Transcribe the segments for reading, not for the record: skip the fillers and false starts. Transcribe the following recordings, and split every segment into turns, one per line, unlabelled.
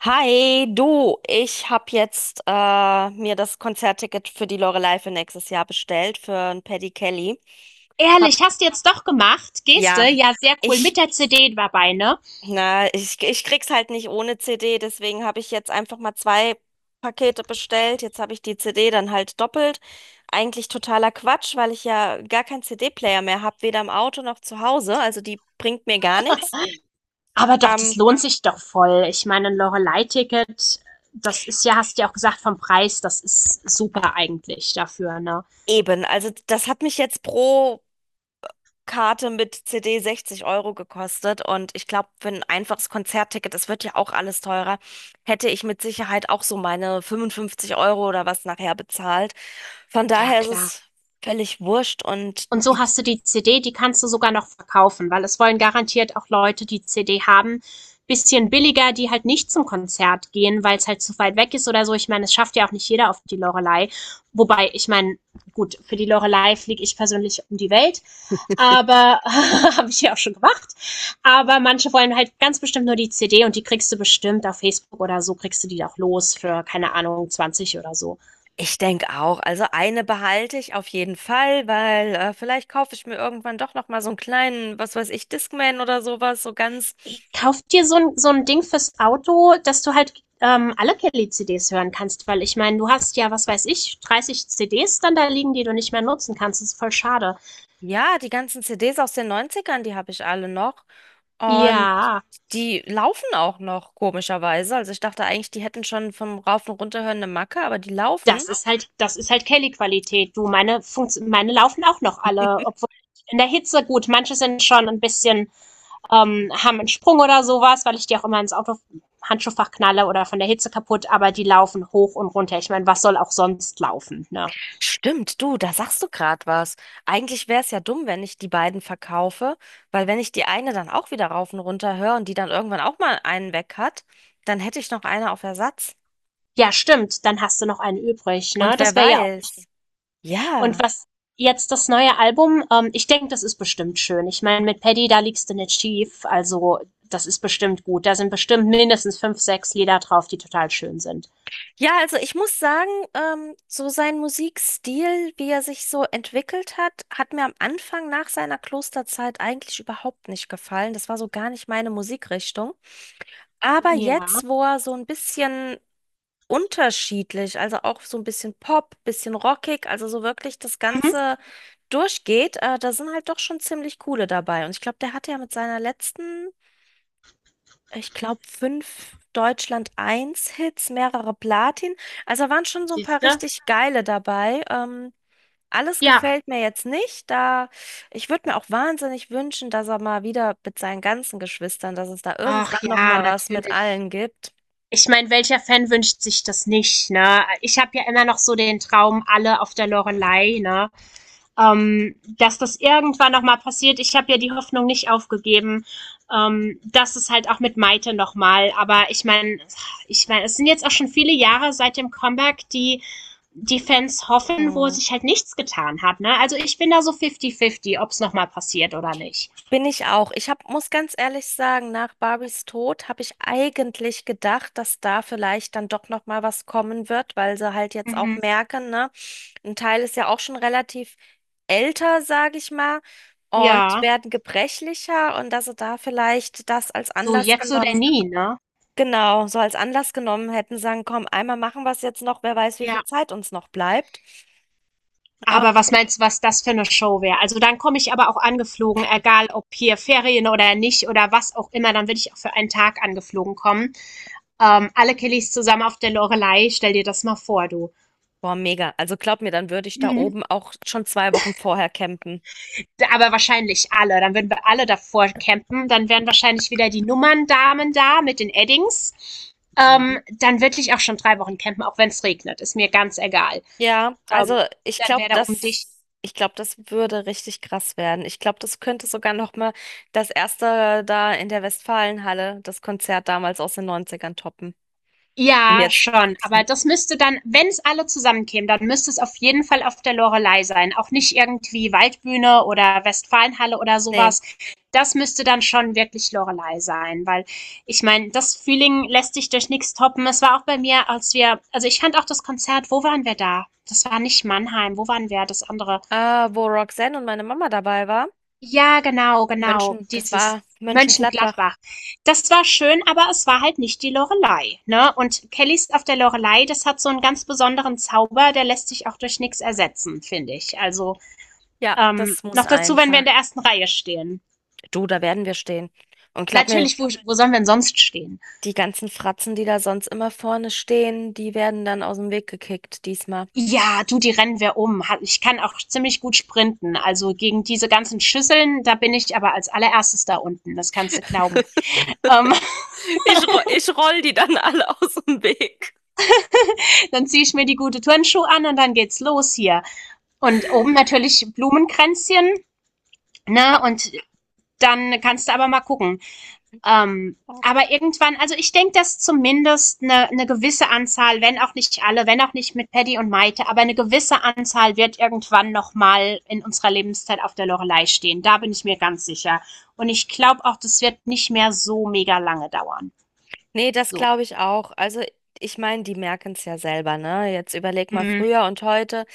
Hi, du, ich habe jetzt mir das Konzertticket für die Loreley für nächstes Jahr bestellt, für ein Paddy Kelly. Hab,
Ehrlich, hast du jetzt doch gemacht? Geste,
ja,
ja, sehr cool.
ich,
Mit der CD dabei, ne?
na, ich krieg's halt nicht ohne CD, deswegen habe ich jetzt einfach mal zwei Pakete bestellt. Jetzt habe ich die CD dann halt doppelt. Eigentlich totaler Quatsch, weil ich ja gar keinen CD-Player mehr habe, weder im Auto noch zu Hause. Also die bringt mir gar nichts.
Aber doch, das
Ähm,
lohnt sich doch voll. Ich meine, ein Loreley Ticket, das ist ja, hast du ja auch gesagt, vom Preis, das ist super eigentlich dafür, ne?
eben, also das hat mich jetzt pro Karte mit CD 60 € gekostet und ich glaube, für ein einfaches Konzertticket, das wird ja auch alles teurer, hätte ich mit Sicherheit auch so meine 55 € oder was nachher bezahlt. Von
Ja,
daher ist
klar.
es völlig wurscht und
Und so hast du die CD, die kannst du sogar noch verkaufen, weil es wollen garantiert auch Leute, die CD haben, bisschen billiger, die halt nicht zum Konzert gehen, weil es halt zu weit weg ist oder so. Ich meine, es schafft ja auch nicht jeder auf die Loreley. Wobei, ich meine, gut, für die Loreley fliege ich persönlich um die Welt, aber habe ich ja auch schon gemacht. Aber manche wollen halt ganz bestimmt nur die CD und die kriegst du bestimmt auf Facebook oder so, kriegst du die auch los für, keine Ahnung, 20 oder so.
ich denke auch, also eine behalte ich auf jeden Fall, weil vielleicht kaufe ich mir irgendwann doch noch mal so einen kleinen, was weiß ich, Discman oder sowas, so ganz.
Kauf dir so ein Ding fürs Auto, dass du halt alle Kelly-CDs hören kannst, weil ich meine, du hast ja, was weiß ich, 30 CDs dann da liegen, die du nicht mehr nutzen kannst. Das ist voll schade.
Ja, die ganzen CDs aus den Neunzigern, die habe ich alle noch. Und
Ja.
die laufen auch noch, komischerweise. Also ich dachte eigentlich, die hätten schon vom Rauf- und Runterhören eine Macke, aber die laufen.
Das ist halt Kelly-Qualität. Du, meine, Funkt meine laufen auch noch alle, obwohl in der Hitze gut. Manche sind schon ein bisschen haben einen Sprung oder sowas, weil ich die auch immer ins Auto Handschuhfach knalle oder von der Hitze kaputt, aber die laufen hoch und runter. Ich meine, was soll auch sonst laufen, ne?
Stimmt, du, da sagst du gerade was. Eigentlich wäre es ja dumm, wenn ich die beiden verkaufe, weil wenn ich die eine dann auch wieder rauf und runter höre und die dann irgendwann auch mal einen weg hat, dann hätte ich noch eine auf Ersatz.
Ja, stimmt, dann hast du noch einen übrig,
Und
ne?
wer
Das wäre ja auch nicht.
weiß.
Und
Ja.
was jetzt das neue Album, ich denke, das ist bestimmt schön. Ich meine, mit Paddy, da liegst du nicht schief, also das ist bestimmt gut. Da sind bestimmt mindestens fünf, sechs Lieder drauf, die total schön sind.
Ja, also ich muss sagen, so sein Musikstil, wie er sich so entwickelt hat, hat mir am Anfang nach seiner Klosterzeit eigentlich überhaupt nicht gefallen. Das war so gar nicht meine Musikrichtung. Aber
Ja.
jetzt, wo er so ein bisschen unterschiedlich, also auch so ein bisschen Pop, bisschen rockig, also so wirklich das
Mhm.
Ganze durchgeht, da sind halt doch schon ziemlich coole dabei. Und ich glaube, der hatte ja mit seiner letzten, ich glaube, fünf Deutschland Eins Hits, mehrere Platin. Also da waren schon so ein paar
Siehst du?
richtig geile dabei. Alles
Ja.
gefällt mir jetzt nicht. Da Ich würde mir auch wahnsinnig wünschen, dass er mal wieder mit seinen ganzen Geschwistern, dass es da
Ach
irgendwann noch
ja,
mal was mit
natürlich.
allen gibt.
Ich meine, welcher Fan wünscht sich das nicht, ne? Ich habe ja immer noch so den Traum, alle auf der Lorelei, ne? Dass das irgendwann nochmal passiert. Ich habe ja die Hoffnung nicht aufgegeben. Das ist halt auch mit Maite nochmal. Aber ich meine, es sind jetzt auch schon viele Jahre seit dem Comeback, die die Fans hoffen, wo
Hm.
sich halt nichts getan hat. Ne? Also ich bin da so fifty-fifty, ob es nochmal passiert oder nicht.
Bin ich auch. Muss ganz ehrlich sagen, nach Barbies Tod habe ich eigentlich gedacht, dass da vielleicht dann doch noch mal was kommen wird, weil sie halt jetzt auch
Mhm.
merken, ne? Ein Teil ist ja auch schon relativ älter, sage ich mal, und
Ja,
werden gebrechlicher und dass sie da vielleicht das als
so
Anlass
jetzt oder
genommen,
nie, ne?
genau, so als Anlass genommen hätten, sagen, komm, einmal machen wir es jetzt noch, wer weiß, wie
Ja,
viel Zeit uns noch bleibt.
aber was meinst du, was das für eine Show wäre? Also dann komme ich aber auch angeflogen, egal ob hier Ferien oder nicht oder was auch immer, dann würde ich auch für einen Tag angeflogen kommen. Alle Kellys zusammen auf der Lorelei, stell dir das mal vor, du.
Boah, mega. Also glaub mir, dann würde ich da
Mhm.
oben auch schon 2 Wochen vorher campen.
Aber wahrscheinlich alle, dann würden wir alle davor campen, dann wären wahrscheinlich wieder die Nummerndamen da mit den Eddings. Dann würde ich auch schon 3 Wochen campen, auch wenn es regnet, ist mir ganz egal.
Ja,
Ähm,
also ich
Dann
glaube,
wäre da um dich.
ich glaube, das würde richtig krass werden. Ich glaube, das könnte sogar noch mal das erste da in der Westfalenhalle, das Konzert damals aus den Neunzigern toppen. Und
Ja,
jetzt,
schon. Aber das müsste dann, wenn es alle zusammenkämen, dann müsste es auf jeden Fall auf der Loreley sein. Auch nicht irgendwie Waldbühne oder Westfalenhalle oder
Nee,
sowas. Das müsste dann schon wirklich Loreley sein, weil ich meine, das Feeling lässt sich durch nichts toppen. Es war auch bei mir, als wir, also ich fand auch das Konzert, wo waren wir da? Das war nicht Mannheim, wo waren wir? Das andere.
wo Roxanne und meine Mama dabei war,
Ja, genau, genau,
München, das
dieses
war Mönchengladbach.
Mönchengladbach. Das war schön, aber es war halt nicht die Loreley, ne? Und Kellys auf der Loreley, das hat so einen ganz besonderen Zauber, der lässt sich auch durch nichts ersetzen, finde ich. Also,
Ja, das muss
noch dazu, wenn wir
einfach.
in der ersten Reihe stehen.
Du, da werden wir stehen. Und glaub mir,
Natürlich, wo sollen wir denn sonst stehen?
die ganzen Fratzen, die da sonst immer vorne stehen, die werden dann aus dem Weg gekickt diesmal.
Ja, du, die rennen wir um. Ha- Ich kann auch ziemlich gut sprinten. Also gegen diese ganzen Schüsseln, da bin ich aber als allererstes da unten. Das kannst du glauben. Ähm,
Ich roll die dann alle aus dem Weg.
Dann ziehe ich mir die gute Turnschuhe an und dann geht's los hier. Und oben natürlich Blumenkränzchen, ne? Und dann kannst du aber mal gucken. Aber irgendwann, also ich denke, dass zumindest eine gewisse Anzahl, wenn auch nicht alle, wenn auch nicht mit Paddy und Maite, aber eine gewisse Anzahl wird irgendwann nochmal in unserer Lebenszeit auf der Lorelei stehen. Da bin ich mir ganz sicher. Und ich glaube auch, das wird nicht mehr so mega lange dauern.
Nee, das
So.
glaube ich auch. Also, ich meine, die merken es ja selber, ne? Jetzt überleg mal
Mhm.
früher und heute.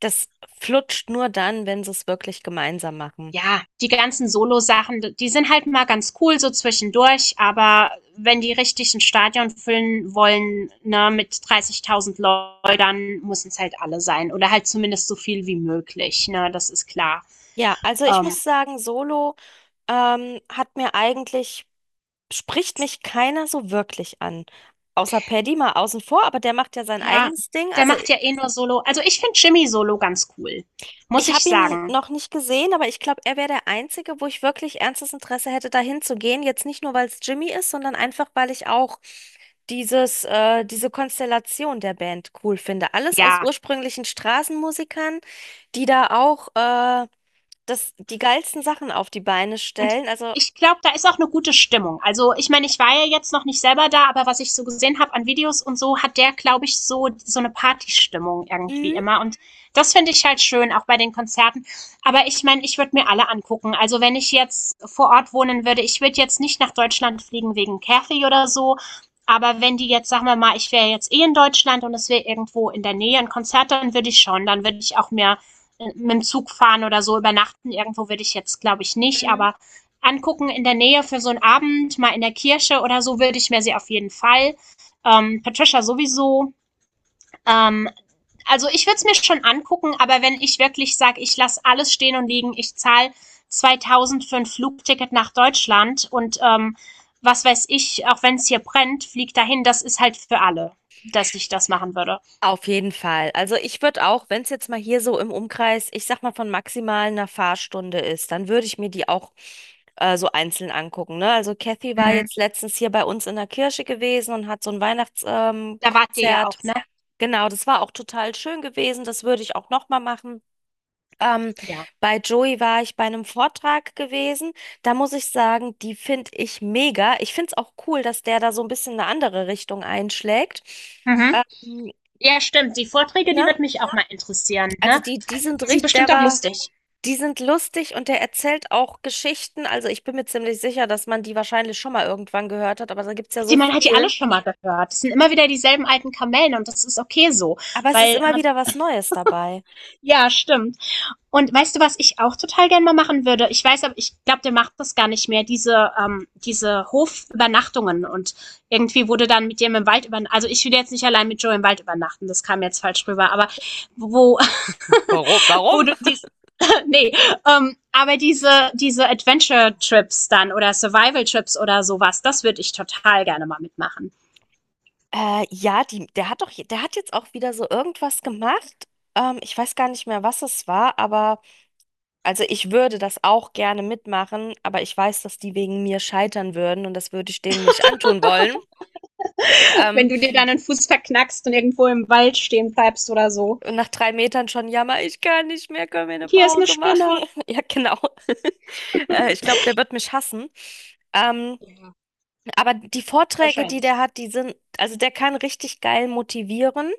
Das flutscht nur dann, wenn sie es wirklich gemeinsam machen.
Ja, die ganzen Solo-Sachen, die sind halt mal ganz cool so zwischendurch, aber wenn die richtig ein Stadion füllen wollen, ne, mit 30.000 Leuten, dann müssen es halt alle sein oder halt zumindest so viel wie möglich, ne, das ist klar.
Ja, also ich
Ähm,
muss sagen, Solo ähm, hat mir eigentlich, spricht mich keiner so wirklich an. Außer Paddy mal außen vor, aber der macht ja sein
ja,
eigenes Ding.
der
Also,
macht ja eh nur Solo. Also ich finde Jimmy Solo ganz cool, muss
ich
ich
habe ihn
sagen.
noch nicht gesehen, aber ich glaube, er wäre der Einzige, wo ich wirklich ernstes Interesse hätte, dahin zu gehen. Jetzt nicht nur, weil es Jimmy ist, sondern einfach, weil ich auch diese Konstellation der Band cool finde. Alles aus
Ja,
ursprünglichen Straßenmusikern, die da auch die geilsten Sachen auf die Beine
und
stellen. Also,
ich glaube, da ist auch eine gute Stimmung. Also, ich meine, ich war ja jetzt noch nicht selber da, aber was ich so gesehen habe an Videos und so, hat der, glaube ich, so eine Partystimmung irgendwie
mhm.
immer. Und das finde ich halt schön, auch bei den Konzerten. Aber ich meine, ich würde mir alle angucken. Also, wenn ich jetzt vor Ort wohnen würde, ich würde jetzt nicht nach Deutschland fliegen wegen Kathy oder so. Aber wenn die jetzt, sagen wir mal, ich wäre jetzt eh in Deutschland und es wäre irgendwo in der Nähe ein Konzert, dann würde ich schon. Dann würde ich auch mehr mit dem Zug fahren oder so übernachten. Irgendwo würde ich jetzt, glaube ich, nicht. Aber angucken in der Nähe für so einen Abend, mal in der Kirche oder so, würde ich mir sie auf jeden Fall. Patricia sowieso. Ähm, also ich würde es mir schon angucken, aber wenn ich wirklich sage, ich lasse alles stehen und liegen, ich zahle 2000 für ein Flugticket nach Deutschland und was weiß ich, auch wenn es hier brennt, fliegt dahin, das ist halt für alle, dass ich das machen würde.
Auf jeden Fall. Also ich würde auch, wenn es jetzt mal hier so im Umkreis, ich sag mal von maximal einer Fahrstunde ist, dann würde ich mir die auch so einzeln angucken. Ne? Also Kathy war
Mhm.
jetzt letztens hier bei uns in der Kirche gewesen und hat so ein Weihnachtskonzert.
Da wart ihr ja
Konzert.
auch, ne?
Genau, das war auch total schön gewesen. Das würde ich auch nochmal machen. Ähm,
Ja.
Bei Joey war ich bei einem Vortrag gewesen. Da muss ich sagen, die finde ich mega. Ich finde es auch cool, dass der da so ein bisschen eine andere Richtung einschlägt.
Mhm.
Ähm,
Ja, stimmt. Die Vorträge, die
ne?
wird mich auch mal interessieren,
Also
ne?
die sind
Die sind
richtig,
bestimmt auch lustig.
die sind lustig und der erzählt auch Geschichten. Also ich bin mir ziemlich sicher, dass man die wahrscheinlich schon mal irgendwann gehört hat, aber da gibt es ja so
Die man hat die alle
viel.
schon mal gehört. Es sind immer wieder dieselben alten Kamellen und das ist okay so,
Aber es ist
weil
immer
man,
wieder was Neues dabei.
ja, stimmt. Und weißt du, was ich auch total gerne mal machen würde? Ich weiß, aber ich glaube, der macht das gar nicht mehr, diese Hofübernachtungen und irgendwie wurde dann mit dem im Wald übernachten. Also ich will jetzt nicht allein mit Joe im Wald übernachten, das kam jetzt falsch rüber, aber wo,
Warum?
wo
Warum?
du dies, nee, aber diese Adventure-Trips dann oder Survival-Trips oder sowas, das würde ich total gerne mal mitmachen.
Ja, die, der hat doch, je- der hat jetzt auch wieder so irgendwas gemacht. Ich weiß gar nicht mehr, was es war, aber also ich würde das auch gerne mitmachen, aber ich weiß, dass die wegen mir scheitern würden und das würde ich denen nicht antun wollen. Ähm,
Wenn du dir dann den Fuß verknackst und irgendwo im Wald stehen bleibst oder so.
Und nach 3 Metern schon, jammer, ich kann nicht mehr, können wir eine
Hier ist eine
Pause machen?
Spinne.
Ja, genau. Ich glaube, der wird mich hassen. Ähm, aber die Vorträge, die
Wahrscheinlich.
der hat, also der kann richtig geil motivieren.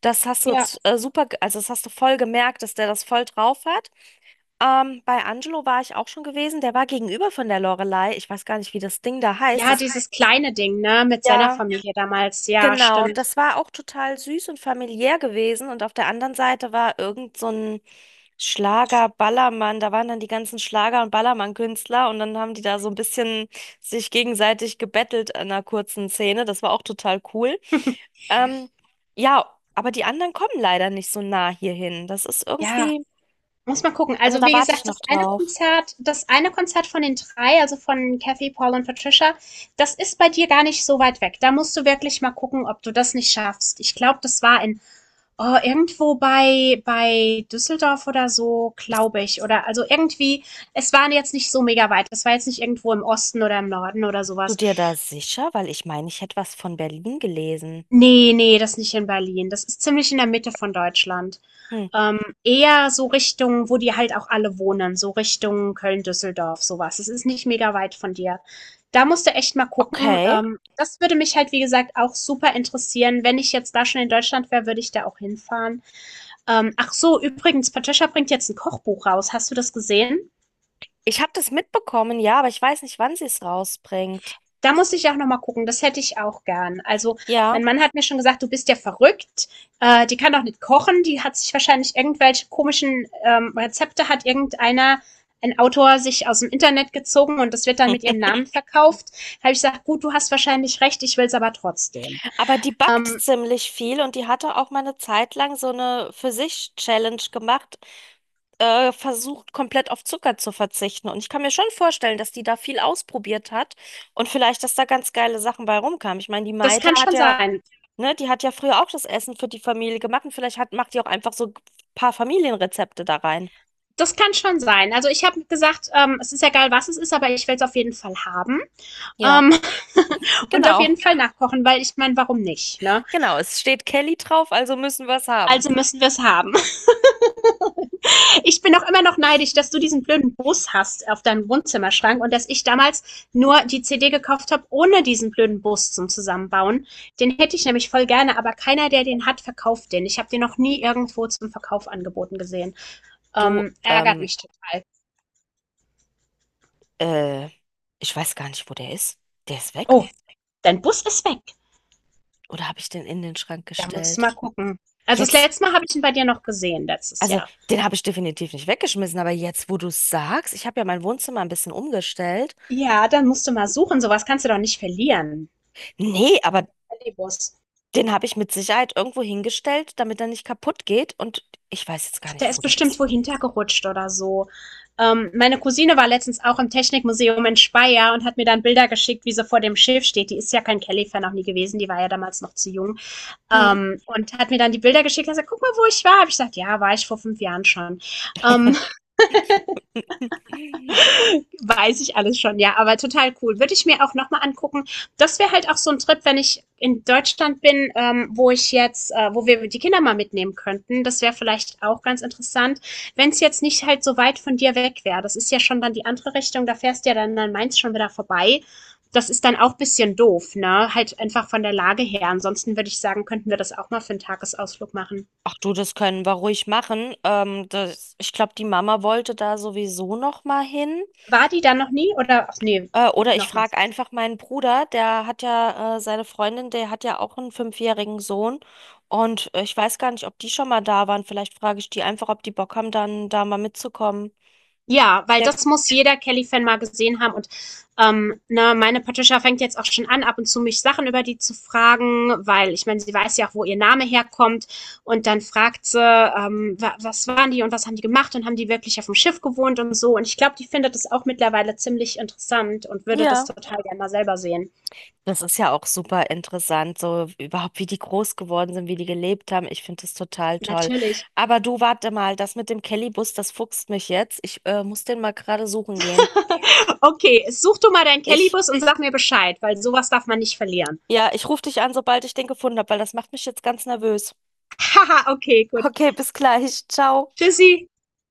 Das hast du
Ja.
t- super, ge- also Das hast du voll gemerkt, dass der das voll drauf hat. Bei Angelo war ich auch schon gewesen, der war gegenüber von der Lorelei. Ich weiß gar nicht, wie das Ding da heißt.
Ja, dieses kleine Ding, ne, mit seiner
Ja.
Familie damals. Ja,
Genau,
stimmt.
das war auch total süß und familiär gewesen. Und auf der anderen Seite war irgend so ein Schlager-Ballermann. Da waren dann die ganzen Schlager- und Ballermann-Künstler und dann haben die da so ein bisschen sich gegenseitig gebettelt in einer kurzen Szene. Das war auch total cool. Ähm, ja, aber die anderen kommen leider nicht so nah hierhin. Das ist
Ja.
irgendwie,
Muss mal gucken.
also
Also,
da
wie
warte ich
gesagt, das
noch
eine
drauf.
Konzert, das eine Konzert von den drei, also von Kathy, Paul und Patricia, das ist bei dir gar nicht so weit weg. Da musst du wirklich mal gucken, ob du das nicht schaffst. Ich glaube, das war in oh, irgendwo bei Düsseldorf oder so,
Bist
glaube ich, oder also irgendwie, es war jetzt nicht so mega weit. Es war jetzt nicht irgendwo im Osten oder im Norden oder
du
sowas.
dir da sicher? Weil ich meine, ich hätte was von Berlin gelesen.
Nee, nee, das nicht in Berlin. Das ist ziemlich in der Mitte von Deutschland.
Hm,
Ähm, Eher so Richtung, wo die halt auch alle wohnen, so Richtung Köln-Düsseldorf, sowas. Es ist nicht mega weit von dir. Da musst du echt mal gucken.
okay.
Das würde mich halt, wie gesagt, auch super interessieren. Wenn ich jetzt da schon in Deutschland wäre, würde ich da auch hinfahren. Ach so, übrigens, Patricia bringt jetzt ein Kochbuch raus. Hast du das gesehen?
Ich habe das mitbekommen, ja, aber ich weiß nicht, wann sie es rausbringt.
Da muss ich auch nochmal gucken. Das hätte ich auch gern. Also,
Ja,
mein Mann hat mir schon gesagt, du bist ja verrückt. Die kann doch nicht kochen. Die hat sich wahrscheinlich irgendwelche komischen Rezepte hat irgendeiner, ein Autor, sich aus dem Internet gezogen und das wird dann mit ihrem Namen verkauft. Da habe ich gesagt, gut, du hast wahrscheinlich recht. Ich will es aber trotzdem.
aber die backt
Ähm,
ziemlich viel und die hatte auch mal eine Zeit lang so eine für sich Challenge gemacht, versucht komplett auf Zucker zu verzichten. Und ich kann mir schon vorstellen, dass die da viel ausprobiert hat und vielleicht, dass da ganz geile Sachen bei rumkamen. Ich meine, die
Das
Maite
kann
hat
schon
ja,
sein.
ne, die hat ja früher auch das Essen für die Familie gemacht und vielleicht macht die auch einfach so ein paar Familienrezepte da rein.
Das kann schon sein. Also ich habe gesagt, es ist egal, was es ist, aber ich will es auf jeden Fall haben.
Ja,
Ähm, und auf jeden
genau.
Fall nachkochen, weil ich meine, warum nicht? Ne?
Genau, es steht Kelly drauf, also müssen wir es haben.
Also müssen wir es haben. Ich bin auch immer noch neidisch, dass du diesen blöden Bus hast auf deinem Wohnzimmerschrank und dass ich damals nur die CD gekauft habe, ohne diesen blöden Bus zum Zusammenbauen. Den hätte ich nämlich voll gerne, aber keiner, der den hat, verkauft den. Ich habe den noch nie irgendwo zum Verkauf angeboten gesehen.
Du,
Ärgert mich total.
äh, ich weiß gar nicht, wo der ist. Der ist weg?
Oh, dein Bus ist weg.
Oder habe ich den in den Schrank
Da musst du
gestellt?
mal gucken. Also das
Jetzt,
letzte Mal habe ich ihn bei dir noch gesehen, letztes
also
Jahr.
den habe ich definitiv nicht weggeschmissen, aber jetzt, wo du es sagst, ich habe ja mein Wohnzimmer ein bisschen umgestellt.
Ja, dann musst du mal suchen. Sowas kannst du doch nicht verlieren.
Nee, aber
Den Bus.
den habe ich mit Sicherheit irgendwo hingestellt, damit er nicht kaputt geht und ich weiß jetzt gar
Der
nicht, wo
ist
der
bestimmt
ist.
wo hintergerutscht oder so. Meine Cousine war letztens auch im Technikmuseum in Speyer und hat mir dann Bilder geschickt, wie sie vor dem Schiff steht. Die ist ja kein Kelly-Fan auch nie gewesen, die war ja damals noch zu jung.
Hm.
Und hat mir dann die Bilder geschickt und gesagt, guck mal, wo ich war. Hab ich gesagt, ja, war ich vor 5 Jahren schon. Ähm, Weiß ich alles schon, ja, aber total cool. Würde ich mir auch nochmal angucken. Das wäre halt auch so ein Trip, wenn ich in Deutschland bin, wo wir die Kinder mal mitnehmen könnten. Das wäre vielleicht auch ganz interessant, wenn es jetzt nicht halt so weit von dir weg wäre. Das ist ja schon dann die andere Richtung, da fährst du ja dann an Mainz schon wieder vorbei. Das ist dann auch ein bisschen doof, ne? Halt einfach von der Lage her. Ansonsten würde ich sagen, könnten wir das auch mal für einen Tagesausflug machen.
Ach du, das können wir ruhig machen. Ich glaube, die Mama wollte da sowieso noch mal hin.
War die dann noch nie oder, ach nee,
Oder ich
nochmal.
frage einfach meinen Bruder, der hat ja seine Freundin, der hat ja auch einen fünfjährigen Sohn. Und ich weiß gar nicht, ob die schon mal da waren. Vielleicht frage ich die einfach, ob die Bock haben, dann da mal mitzukommen.
Ja, weil
Der,
das muss jeder Kelly-Fan mal gesehen haben. Und ne, meine Patricia fängt jetzt auch schon an, ab und zu mich Sachen über die zu fragen, weil ich meine, sie weiß ja auch, wo ihr Name herkommt. Und dann fragt sie, was waren die und was haben die gemacht und haben die wirklich auf dem Schiff gewohnt und so. Und ich glaube, die findet das auch mittlerweile ziemlich interessant und würde das
ja.
total gerne mal selber sehen.
Das ist ja auch super interessant, so überhaupt, wie die groß geworden sind, wie die gelebt haben. Ich finde das total toll.
Natürlich.
Aber du, warte mal, das mit dem Kellybus, das fuchst mich jetzt. Ich muss den mal gerade suchen gehen.
Okay, such du mal deinen
Ich,
Bus und sag mir Bescheid, weil sowas darf man nicht verlieren.
ja, ich rufe dich an, sobald ich den gefunden habe, weil das macht mich jetzt ganz nervös.
Haha, okay, gut.
Okay, bis gleich. Ciao.
Tschüssi.